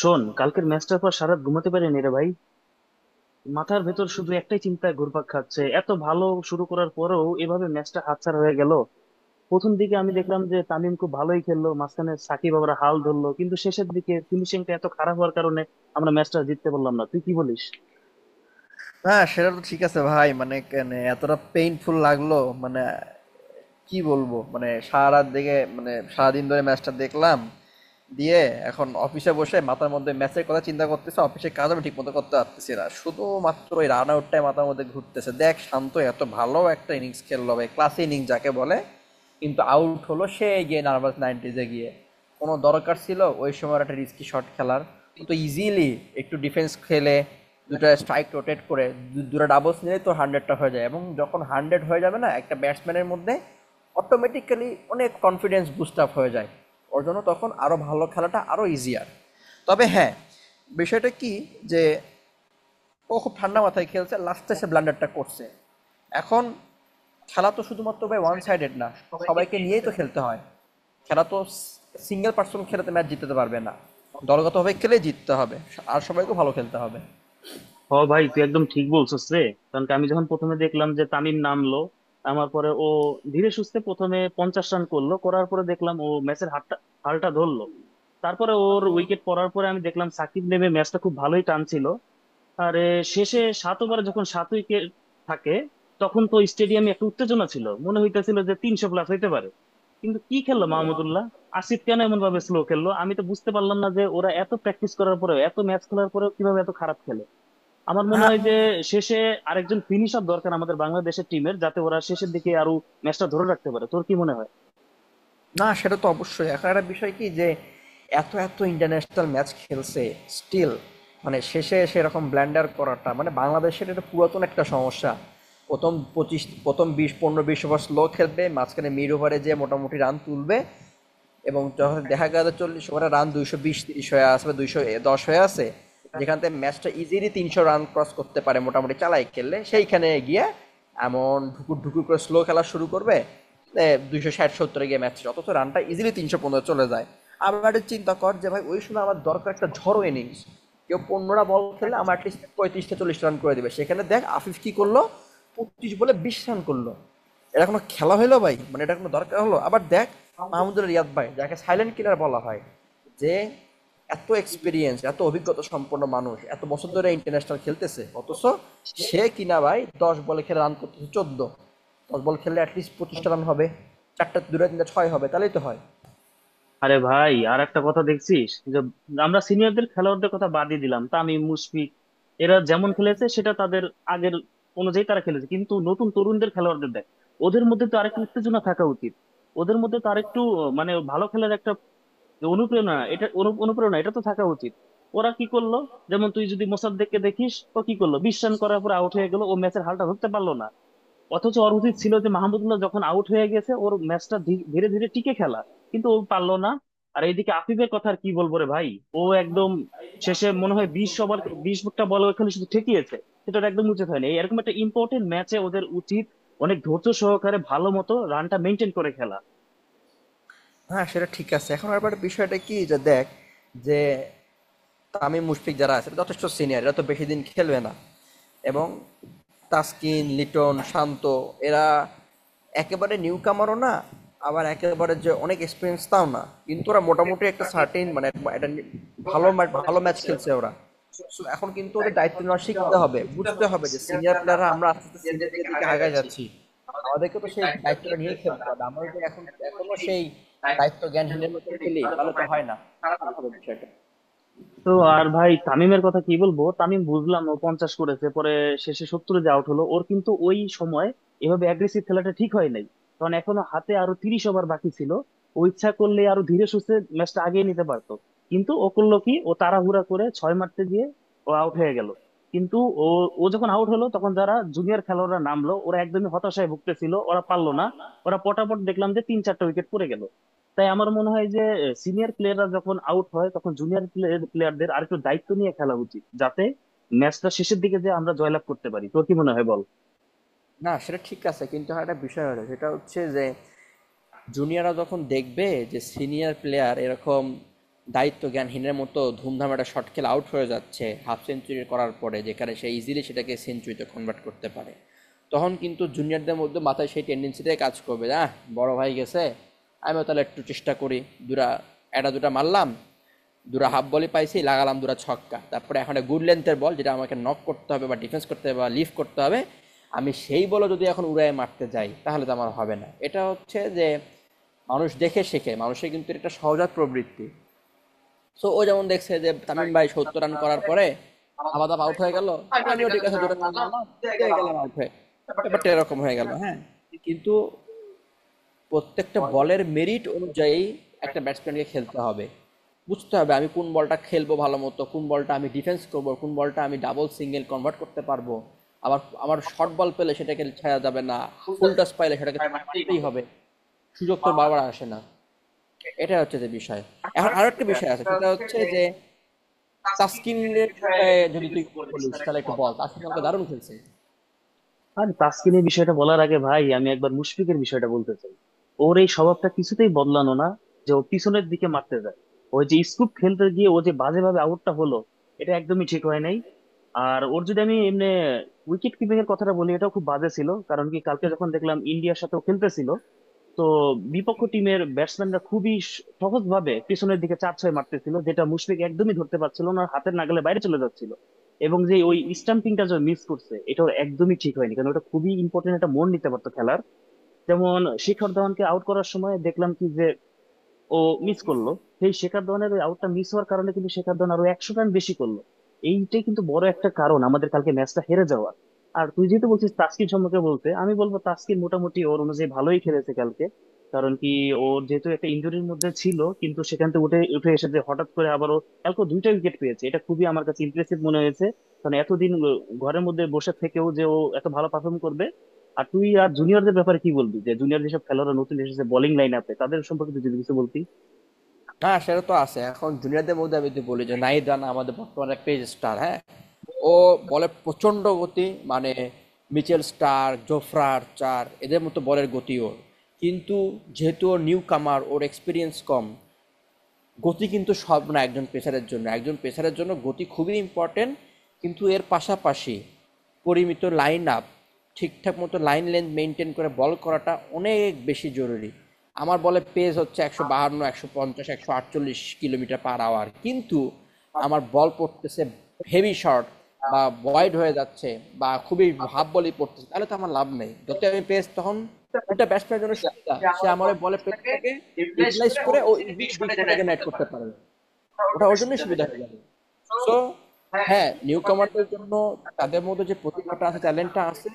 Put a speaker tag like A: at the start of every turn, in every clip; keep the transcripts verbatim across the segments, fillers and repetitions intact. A: শোন, কালকের ম্যাচটার পর সারাত ঘুমাতে পারিনি রে ভাই। মাথার ভেতর শুধু একটাই চিন্তা ঘুরপাক খাচ্ছে, এত ভালো শুরু করার পরেও এভাবে ম্যাচটা হাতছাড়া হয়ে গেল। প্রথম দিকে আমি দেখলাম যে তামিম খুব ভালোই খেললো, মাঝখানে সাকিব আবার হাল ধরলো, কিন্তু শেষের দিকে ফিনিশিংটা এত খারাপ হওয়ার কারণে আমরা ম্যাচটা জিততে পারলাম না। তুই কি বলিস?
B: না সেটা তো ঠিক আছে ভাই। মানে কেন এতটা পেইনফুল লাগলো। মানে কি বলবো। মানে সারা রাত দেখে, মানে সারাদিন ধরে ম্যাচটা দেখলাম, দিয়ে এখন অফিসে বসে মাথার মধ্যে ম্যাচের কথা চিন্তা করতেছে। অফিসের কাজ আমি ঠিকমতো করতে পারতেছি না, শুধুমাত্র ওই রান আউটটাই মাথার মধ্যে ঘুরতেছে। দেখ শান্ত এত ভালো একটা ইনিংস খেললো, ভাই ক্লাস ইনিংস যাকে বলে। কিন্তু আউট হলো সে গিয়ে নার্ভাস নাইনটিজে গিয়ে। কোনো দরকার ছিল ওই সময় একটা রিস্কি শট খেলার? ও তো ইজিলি একটু ডিফেন্স খেলে, দুটো স্ট্রাইক রোটেট করে, দু- দুটো ডাবলস নিলে তো হান্ড্রেডটা হয়ে যায়। এবং যখন হান্ড্রেড হয়ে যাবে না একটা ব্যাটসম্যানের মধ্যে, অটোমেটিক্যালি অনেক কনফিডেন্স বুস্ট আপ হয়ে যায়। ওর জন্য তখন আরও ভালো খেলাটা আরও ইজিয়ার। তবে হ্যাঁ, বিষয়টা কি যে ও খুব ঠান্ডা মাথায় খেলছে, লাস্টে সে ব্লান্ডারটা করছে। এখন খেলা তো শুধুমাত্র ভাই ওয়ান সাইডেড না, সবাইকে নিয়েই তো খেলতে হয়। খেলা তো সিঙ্গেল পার্সন খেলাতে ম্যাচ জিততে পারবে না, দলগতভাবে খেলে জিততে হবে। আর সবাইকে ভালো খেলতে হবে।
A: হ ভাই, তুই একদম ঠিক বলছিস রে। কারণ কি, আমি যখন প্রথমে দেখলাম যে তামিম নামলো আমার পরে, ও ধীরে সুস্থে প্রথমে পঞ্চাশ রান করলো, করার পরে দেখলাম ও ম্যাচের হাতটা, হালটা ধরলো। তারপরে ওর উইকেট পড়ার পরে আমি দেখলাম সাকিব নেমে ম্যাচটা খুব ভালোই টানছিল। আর এ, শেষে সাত ওভারে যখন সাত উইকেট থাকে তখন তো স্টেডিয়ামে একটা উত্তেজনা ছিল, মনে হইতেছিল যে তিনশো প্লাস হইতে পারে। কিন্তু কি খেললো মাহমুদুল্লাহ, আসিফ কেন এমন ভাবে স্লো খেললো, আমি তো বুঝতে পারলাম না যে ওরা এত প্র্যাকটিস করার পরেও এত ম্যাচ খেলার পরেও কিভাবে এত খারাপ খেলে। আমার মনে হয় যে
B: হ্যাঁ।
A: শেষে আরেকজন ফিনিশার দরকার আমাদের বাংলাদেশের টিমের, যাতে ওরা শেষের দিকে আরো ম্যাচটা ধরে রাখতে পারে। তোর কি মনে হয়?
B: না সেটা তো অবশ্যই। এখন একটা বিষয় কি যে এত এত ইন্টারন্যাশনাল ম্যাচ খেলছে, স্টিল মানে শেষে এসে এরকম ব্ল্যান্ডার করাটা, মানে বাংলাদেশের এটা পুরাতন একটা সমস্যা। প্রথম পঁচিশ, প্রথম বিশ, পনেরো বিশ ওভার স্লো খেলবে, মাঝখানে মিড ওভারে যে মোটামুটি রান তুলবে, এবং যখন দেখা গেল চল্লিশ ওভারে রান দুইশো বিশ তিরিশ হয়ে আছে বা দুইশো দশ হয়ে আছে, যেখান থেকে ম্যাচটা ইজিলি তিনশো রান ক্রস করতে পারে মোটামুটি চালাই খেললে, সেইখানে গিয়ে এমন ঢুকুর ঢুকুর করে স্লো খেলা শুরু করবে, দুইশো ষাট সত্তরে গিয়ে ম্যাচ, অথচ রানটা ইজিলি তিনশো পনেরো চলে যায়। আবার একটা চিন্তা কর যে ভাই, ওই সময় আমার দরকার একটা ঝড়ো ইনিংস। কেউ পনেরোটা বল খেললে আমার অ্যাটলিস্ট পঁয়ত্রিশটা চল্লিশ রান করে দেবে। সেখানে দেখ আফিফ কি করলো, পঁচিশ বলে বিশ রান করলো। এটা কোনো খেলা হলো ভাই? মানে এটা কোনো দরকার হলো? আবার দেখ মাহমুদুল রিয়াদ ভাই, যাকে সাইলেন্ট কিলার বলা হয়, যে এত এক্সপিরিয়েন্স, এত অভিজ্ঞতা সম্পন্ন মানুষ, এত বছর ধরে ইন্টারন্যাশনাল খেলতেছে, অথচ সে কিনা ভাই দশ বলে খেলে রান করতেছে চোদ্দ। দশ বল খেললে অ্যাটলিস্ট পঁচিশটা রান হবে, চারটা দুটা তিনটা ছয় হবে, তাহলেই তো হয়।
A: আরে ভাই, আর একটা কথা দেখছিস যে আমরা সিনিয়রদের খেলোয়াড়দের কথা বাদই দিলাম, তামিম মুশফিক এরা যেমন খেলেছে সেটা তাদের আগের অনুযায়ী তারা খেলেছে, কিন্তু নতুন তরুণদের খেলোয়াড়দের দেখ, ওদের মধ্যে তো আরেকটু উত্তেজনা থাকা উচিত। ওদের মধ্যে তো আরেকটু আহ, মানে ভালো খেলার একটা অনুপ্রেরণা, এটা অনু- অনুপ্রেরণা এটা তো থাকা উচিত। ওরা কি করলো? যেমন তুই যদি মোসাদ্দেককে দেখিস, ও কি করলো, বিশ্রাম করার পর আউট হয়ে গেল, ও ম্যাচের হালটা ধরতে পারলো না। অথচ ওর উচিত ছিল যে মাহমুদুল্লাহ যখন আউট হয়ে গেছে ওর ম্যাচটা ধীরে ধীরে টিকে খেলা, কিন্তু ও পারলো না। আর এইদিকে আফিফের কথা আর কি বলবো রে ভাই, ও একদম শেষে মনে হয় বিশ ওভার, বিশটা বল ওখানে শুধু ঠেকিয়েছে। সেটা ওর একদম উচিত হয়নি, এরকম একটা ইম্পর্টেন্ট ম্যাচে ওদের উচিত অনেক ধৈর্য সহকারে ভালো মতো রানটা মেনটেন করে
B: হ্যাঁ সেটা ঠিক আছে। এখন আবার বিষয়টা কি যে দেখ, যে তামিম মুশফিক যারা আছে এরা যথেষ্ট সিনিয়র, এরা তো বেশি দিন খেলবে না। এবং তাসকিন লিটন শান্ত, এরা একেবারে নিউ কামারও না, আবার একেবারে যে অনেক এক্সপিরিয়েন্স তাও না। কিন্তু ওরা মোটামুটি একটা সার্টেন
A: খেলা
B: মানে একটা নি- ভালো ম্যাচ ভালো ম্যাচ খেলছে ওরা। সো এখন কিন্তু ওদের দায়িত্ব নেওয়া শিখতে হবে, বুঝতে হবে যে সিনিয়র প্লেয়াররা, আমরা আস্তে আস্তে সিনিয়রদের দিকে আগায় যাচ্ছি, আমাদেরকে তো সেই দায়িত্বটা নিয়ে খেলতে হবে। আমরা যদি এখন, এখনো সেই দায়িত্ব জ্ঞানহীনের মতো খেলি তাহলে তো হয় না। খারাপ হবে বিষয়টা।
A: তো। আর ভাই, তামিমের কথা কি বলবো, তামিম বুঝলাম ও পঞ্চাশ করেছে, পরে শেষে সত্তরে যে আউট হলো ওর কিন্তু ওই সময় এভাবে অ্যাগ্রেসিভ খেলাটা ঠিক হয় নাই, কারণ এখনো হাতে আরো তিরিশ ওভার বাকি ছিল। ও ইচ্ছা করলে আরো ধীরে সুস্থে ম্যাচটা আগিয়ে নিতে পারতো, কিন্তু ও করলো কি, ও তাড়াহুড়া করে ছয় মারতে গিয়ে ও আউট হয়ে গেল। কিন্তু ও ও যখন আউট হলো তখন যারা জুনিয়র খেলোয়াড়রা নামলো ওরা একদমই হতাশায় ভুগতেছিল, ওরা পারলো না, ওরা পটাপট দেখলাম যে তিন চারটা উইকেট পড়ে গেল। তাই আমার মনে হয় যে সিনিয়র প্লেয়াররা যখন আউট হয় তখন জুনিয়র প্লেয়ারদের আর একটু দায়িত্ব নিয়ে খেলা উচিত, যাতে ম্যাচটা শেষের দিকে যে আমরা জয়লাভ করতে পারি। তোর কি মনে হয় বল।
B: না সেটা ঠিক আছে, কিন্তু আর একটা বিষয় হলো, সেটা হচ্ছে যে জুনিয়ররা যখন দেখবে যে সিনিয়র প্লেয়ার এরকম দায়িত্ব জ্ঞানহীনের মতো ধুমধাম একটা শট খেলে আউট হয়ে যাচ্ছে, হাফ সেঞ্চুরি করার পরে, যেখানে সে ইজিলি সেটাকে সেঞ্চুরিতে কনভার্ট করতে পারে, তখন কিন্তু জুনিয়রদের মধ্যে, মাথায় সেই টেন্ডেন্সিটাই কাজ করবে না। বড় ভাই গেছে, আমিও তাহলে একটু চেষ্টা করি। দুটা, একটা দুটা মারলাম, দুরা হাফ বলে পাইছি লাগালাম দুরা ছক্কা, তারপরে এখন একটা গুড লেন্থের বল যেটা আমাকে নক করতে হবে বা ডিফেন্স করতে হবে বা লিফ করতে হবে, আমি সেই বলও যদি এখন উড়ায় মারতে যাই তাহলে তো আমার হবে না। এটা হচ্ছে যে মানুষ দেখে শেখে, মানুষের কিন্তু এটা সহজাত প্রবৃত্তি। সো ও যেমন দেখছে যে তামিম ভাই সত্তর রান করার পরে আবার দাপ আউট হয়ে গেল, আমিও ঠিক আছে দুটা রান মারলাম, পেয়ে গেলাম আউট হয়ে, ব্যাপারটা এরকম হয়ে গেল, হ্যাঁ। কিন্তু প্রত্যেকটা বলের মেরিট অনুযায়ী একটা ব্যাটসম্যানকে খেলতে হবে। বুঝতে হবে আমি কোন বলটা খেলবো ভালো মতো, কোন বলটা আমি ডিফেন্স করবো, কোন বলটা আমি ডাবল সিঙ্গেল কনভার্ট করতে পারবো। আবার আমার শর্ট বল পেলে সেটাকে ছায়া যাবে না, ফুল টস পাইলে সেটাকে ছয় মারতেই হবে, সুযোগ তো বারবার আসে না। এটা হচ্ছে যে বিষয়। এখন আরো একটা বিষয় আছে, সেটা হচ্ছে যে তাস্কিনের বিষয়ে যদি তুই বলিস তাহলে একটু বল, তাস্কিন আমাকে দারুণ খেলছে।
A: আর তাসকিনের বিষয়টা বলার আগে ভাই আমি একবার মুশফিকের বিষয়টা বলতে চাই। ওর এই স্বভাবটা কিছুতেই বদলানো না, যে ও পিছনের দিকে মারতে যায়। ওই যে স্কুপ খেলতে গিয়ে ও যে বাজেভাবে আউটটা হলো, এটা একদমই ঠিক হয় নাই। আর ওর যদি আমি এমনি উইকেট কিপিং এর কথাটা বলি, এটাও খুব বাজে ছিল, কারণ কি, কালকে যখন দেখলাম ইন্ডিয়ার সাথে ও খেলতেছিল, তো বিপক্ষ টিমের ব্যাটসম্যানরা খুবই সহজ ভাবে পিছনের দিকে চার ছয় মারতেছিল, যেটা মুশফিক একদমই ধরতে পারছিল না, হাতের নাগালে বাইরে চলে যাচ্ছিল। এবং যে ওই স্টাম্পিংটা যে মিস করছে, এটা ওর একদমই ঠিক হয়নি, কারণ ওটা খুবই ইম্পর্টেন্ট একটা মোড় নিতে পারতো খেলার। যেমন শিখর ধাওয়ানকে আউট করার সময় দেখলাম কি যে ও মিস করলো, সেই শেখর ধওয়ানের ওই আউটটা মিস হওয়ার কারণে কিন্তু শেখর ধওয়ান আরো একশো রান বেশি করলো। এইটাই কিন্তু বড় একটা কারণ আমাদের কালকে ম্যাচটা হেরে যাওয়ার। আর তুই যেহেতু বলছিস তাস্কিন সম্পর্কে বলতে, আমি বলবো তাস্কিন মোটামুটি ওর অনুযায়ী ভালোই খেলেছে কালকে। কারণ কি, ওর যেহেতু একটা ইঞ্জুরির মধ্যে ছিল, কিন্তু সেখান থেকে উঠে উঠে এসে যে হঠাৎ করে আবারও কালকে ও দুইটা উইকেট পেয়েছে, এটা খুবই আমার কাছে ইমপ্রেসিভ মনে হয়েছে। কারণ এতদিন ও- ঘরের মধ্যে বসে থেকেও যে ও এত ভালো পারফর্ম করবে। আর তুই আর জুনিয়রদের ব্যাপারে কি বলবি, যে জুনিয়র যেসব খেলোয়াড়রা নতুন এসেছে বোলিং লাইন আপে, তাদের সম্পর্কে তুই যদি কিছু বলতি।
B: হ্যাঁ সেটা তো আছে। এখন জুনিয়রদের মধ্যে আমি যদি বলি যে নাহিদ রানা আমাদের বর্তমানে পেজ স্টার, হ্যাঁ, ও বলে প্রচণ্ড গতি, মানে মিচেল স্টার জোফরার চার এদের মতো বলের গতি ওর। কিন্তু যেহেতু ওর নিউ কামার, ওর এক্সপিরিয়েন্স কম। গতি কিন্তু সব না, একজন পেসারের জন্য, একজন পেসারের জন্য গতি খুবই ইম্পর্টেন্ট, কিন্তু এর পাশাপাশি পরিমিত লাইন আপ, ঠিকঠাক মতো লাইন লেন্থ মেনটেন করে বল করাটা অনেক বেশি জরুরি। আমার বলে পেস হচ্ছে একশো বাহান্ন, একশো পঞ্চাশ, একশো আটচল্লিশ কিলোমিটার পার আওয়ার, কিন্তু আমার বল পড়তেছে হেভি শর্ট বা বয়েড হয়ে যাচ্ছে বা খুবই হাফ বলই পড়তেছে, তাহলে তো আমার লাভ নেই যতই আমি পেস। তখন উল্টা ব্যাটসম্যানের জন্য সুবিধা, সে আমার ওই বলের প্রেসটাকে ইউটিলাইজ করে ও ইজিলি বিগ শটে জেনারেট করতে পারবে। ওটা ওর জন্যই সুবিধা হয়ে যাবে। সো হ্যাঁ, নিউ কামারদের জন্য, তাদের মধ্যে যে প্রতিভাটা আছে, ট্যালেন্টটা আছে,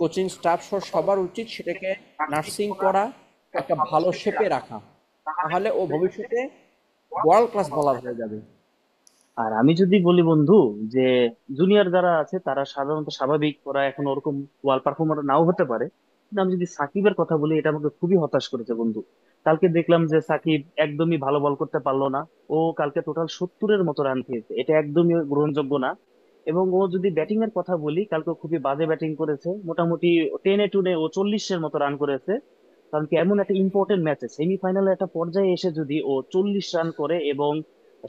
B: কোচিং স্টাফ সহ সবার উচিত সেটাকে নার্সিং করা, একটা ভালো শেপে রাখা। তাহলে ও ভবিষ্যতে ওয়ার্ল্ড ক্লাস বলার হয়ে যাবে।
A: আর আমি যদি বলি বন্ধু, যে জুনিয়র যারা আছে তারা সাধারণত স্বাভাবিক, ওরা এখন ওরকম ওয়াল পারফর্মার নাও হতে পারে। কিন্তু আমি যদি সাকিবের কথা বলি, এটা আমাকে খুবই হতাশ করেছে বন্ধু। কালকে দেখলাম যে সাকিব একদমই ভালো বল করতে পারলো না, ও কালকে টোটাল সত্তরের মতো রান খেয়েছে, এটা একদমই গ্রহণযোগ্য না। এবং ও যদি ব্যাটিং এর কথা বলি, কালকে ও খুবই বাজে ব্যাটিং করেছে, মোটামুটি টেনে টুনে ও চল্লিশের মতো রান করেছে। কারণ কি, এমন একটা ইম্পর্টেন্ট ম্যাচে সেমিফাইনালে একটা পর্যায়ে এসে যদি ও চল্লিশ রান করে এবং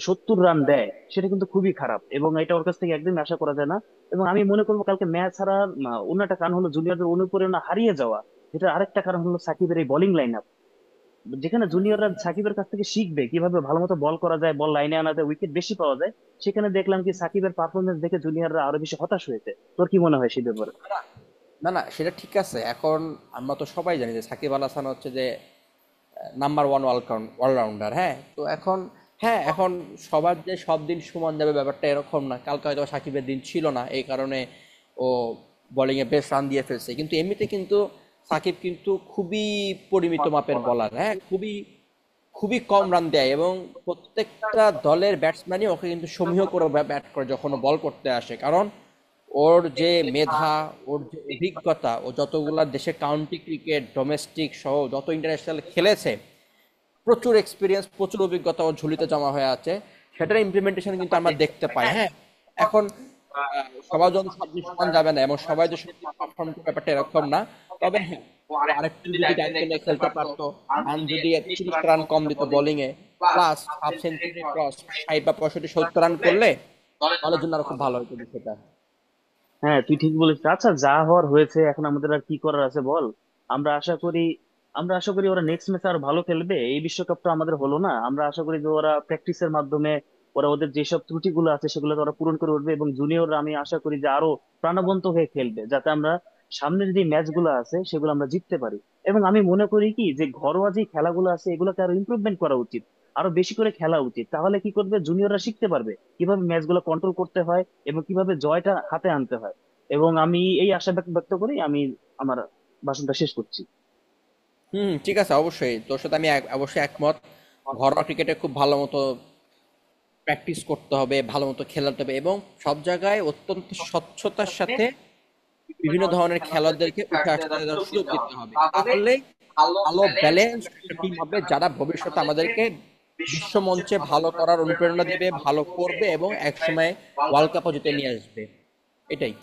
A: সত্তর রান দেয়, সেটা কিন্তু খুবই খারাপ, এবং এটা ওর কাছ থেকে একদিন আশা করা যায় না। এবং আমি মনে করবো কালকে ম্যাচ হারার আহ, অন্য একটা কারণ হলো জুনিয়রদের অনুপ্রেরণা হারিয়ে যাওয়া। যেটা আরেকটা কারণ হলো সাকিবের এই বোলিং লাইন আপ, যেখানে জুনিয়ররা সাকিবের কাছ থেকে শিখবে কিভাবে ভালো মতো বল করা যায়, বল লাইনে আনা যায়, উইকেট বেশি পাওয়া যায়, সেখানে দেখলাম কি সাকিবের পারফরমেন্স দেখে জুনিয়ররা আরো বেশি হতাশ হয়েছে। তোর কি মনে হয় সেই ব্যাপারে?
B: না না সেটা ঠিক আছে। এখন আমরা তো সবাই জানি যে সাকিব আল হাসান হচ্ছে যে নাম্বার ওয়ান অলরাউন্ডার, হ্যাঁ। তো এখন, হ্যাঁ এখন, সবার যে সব দিন সমান যাবে ব্যাপারটা এরকম না, কালকে হয়তো সাকিবের দিন ছিল না, এই কারণে ও বোলিংয়ে বেশ রান দিয়ে ফেলছে। কিন্তু এমনিতে কিন্তু সাকিব কিন্তু খুবই পরিমিত মাপের বলার, হ্যাঁ, খুবই খুবই কম রান দেয়, এবং প্রত্যেকটা দলের ব্যাটসম্যানই ওকে কিন্তু সমীহ করে ব্যা- ব্যাট করে যখন ও বল করতে আসে, কারণ ওর যে মেধা, ওর যে অভিজ্ঞতা, ও যতগুলা দেশে কাউন্টি ক্রিকেট ডোমেস্টিক সহ যত ইন্টারন্যাশনাল খেলেছে, প্রচুর এক্সপিরিয়েন্স, প্রচুর অভিজ্ঞতা ওর ঝুলিতে জমা হয়ে আছে, সেটার ইমপ্লিমেন্টেশন কিন্তু আমরা দেখতে পাই, হ্যাঁ। এখন আহ, সবার জন্য সব দিক সমান যাবে না, এবং সবাই যে সব দিক পারফর্ম করবে ব্যাপারটা এরকম না। তবে হ্যাঁ, ও আরেকটু যদি দায়িত্ব নিয়ে খেলতে পারতো, রান যদি তিরিশটা রান কম দিত বোলিংয়ে, প্লাস হাফ সেঞ্চুরি ক্রস, ষাট বা পঁয়ষট্টি সত্তর রান করলে দলের জন্য আরো খুব ভালো হতো বিষয়টা।
A: হ্যাঁ, তুই ঠিক বলেছিস। আচ্ছা, যা হওয়ার হয়েছে, এখন আমাদের আর কি করার আছে বল। আমরা আশা করি, আমরা আশা করি ওরা নেক্সট ম্যাচে আর ভালো খেলবে, এই বিশ্বকাপটা আমাদের হলো না। আমরা আশা করি যে ওরা প্র্যাকটিসের মাধ্যমে ওরা ওদের যেসব ত্রুটিগুলো আছে সেগুলো ওরা পূরণ করে উঠবে, এবং জুনিয়ররা আমি আশা করি যে আরো প্রাণবন্ত হয়ে খেলবে, যাতে আমরা সামনের যে ম্যাচগুলো আছে সেগুলো আমরা জিততে পারি। এবং আমি মনে করি কি যে ঘরোয়া যে খেলাগুলো আছে এগুলোকে আরো ইমপ্রুভমেন্ট করা উচিত, আরো বেশি করে খেলা উচিত, তাহলে কি করবে জুনিয়ররা শিখতে পারবে কিভাবে ম্যাচগুলো কন্ট্রোল করতে হয় এবং কিভাবে জয়টা হাতে আনতে হয়। এবং আমি এই আশা ব্যক্ত ব্যক্ত করেই আমি আমার ভাষণটা শেষ করছি।
B: হুম ঠিক আছে, অবশ্যই তোর সাথে আমি এক- অবশ্যই একমত। ঘরোয়া ক্রিকেটে খুব ভালো মতো প্র্যাকটিস করতে হবে, ভালো মতো খেলাতে হবে, এবং সব জায়গায় অত্যন্ত স্বচ্ছতার সাথে বিভিন্ন ধরনের খেলোয়াড়দেরকে উঠে আসতে দেওয়ার সুযোগ দিতে হবে। তাহলে ভালো ব্যালেন্স একটা টিম হবে, যারা ভবিষ্যতে আমাদেরকে বিশ্বমঞ্চে ভালো করার অনুপ্রেরণা দিবে, ভালো করবে এবং একসময় ওয়ার্ল্ড কাপও জিতে নিয়ে আসবে। এটাই।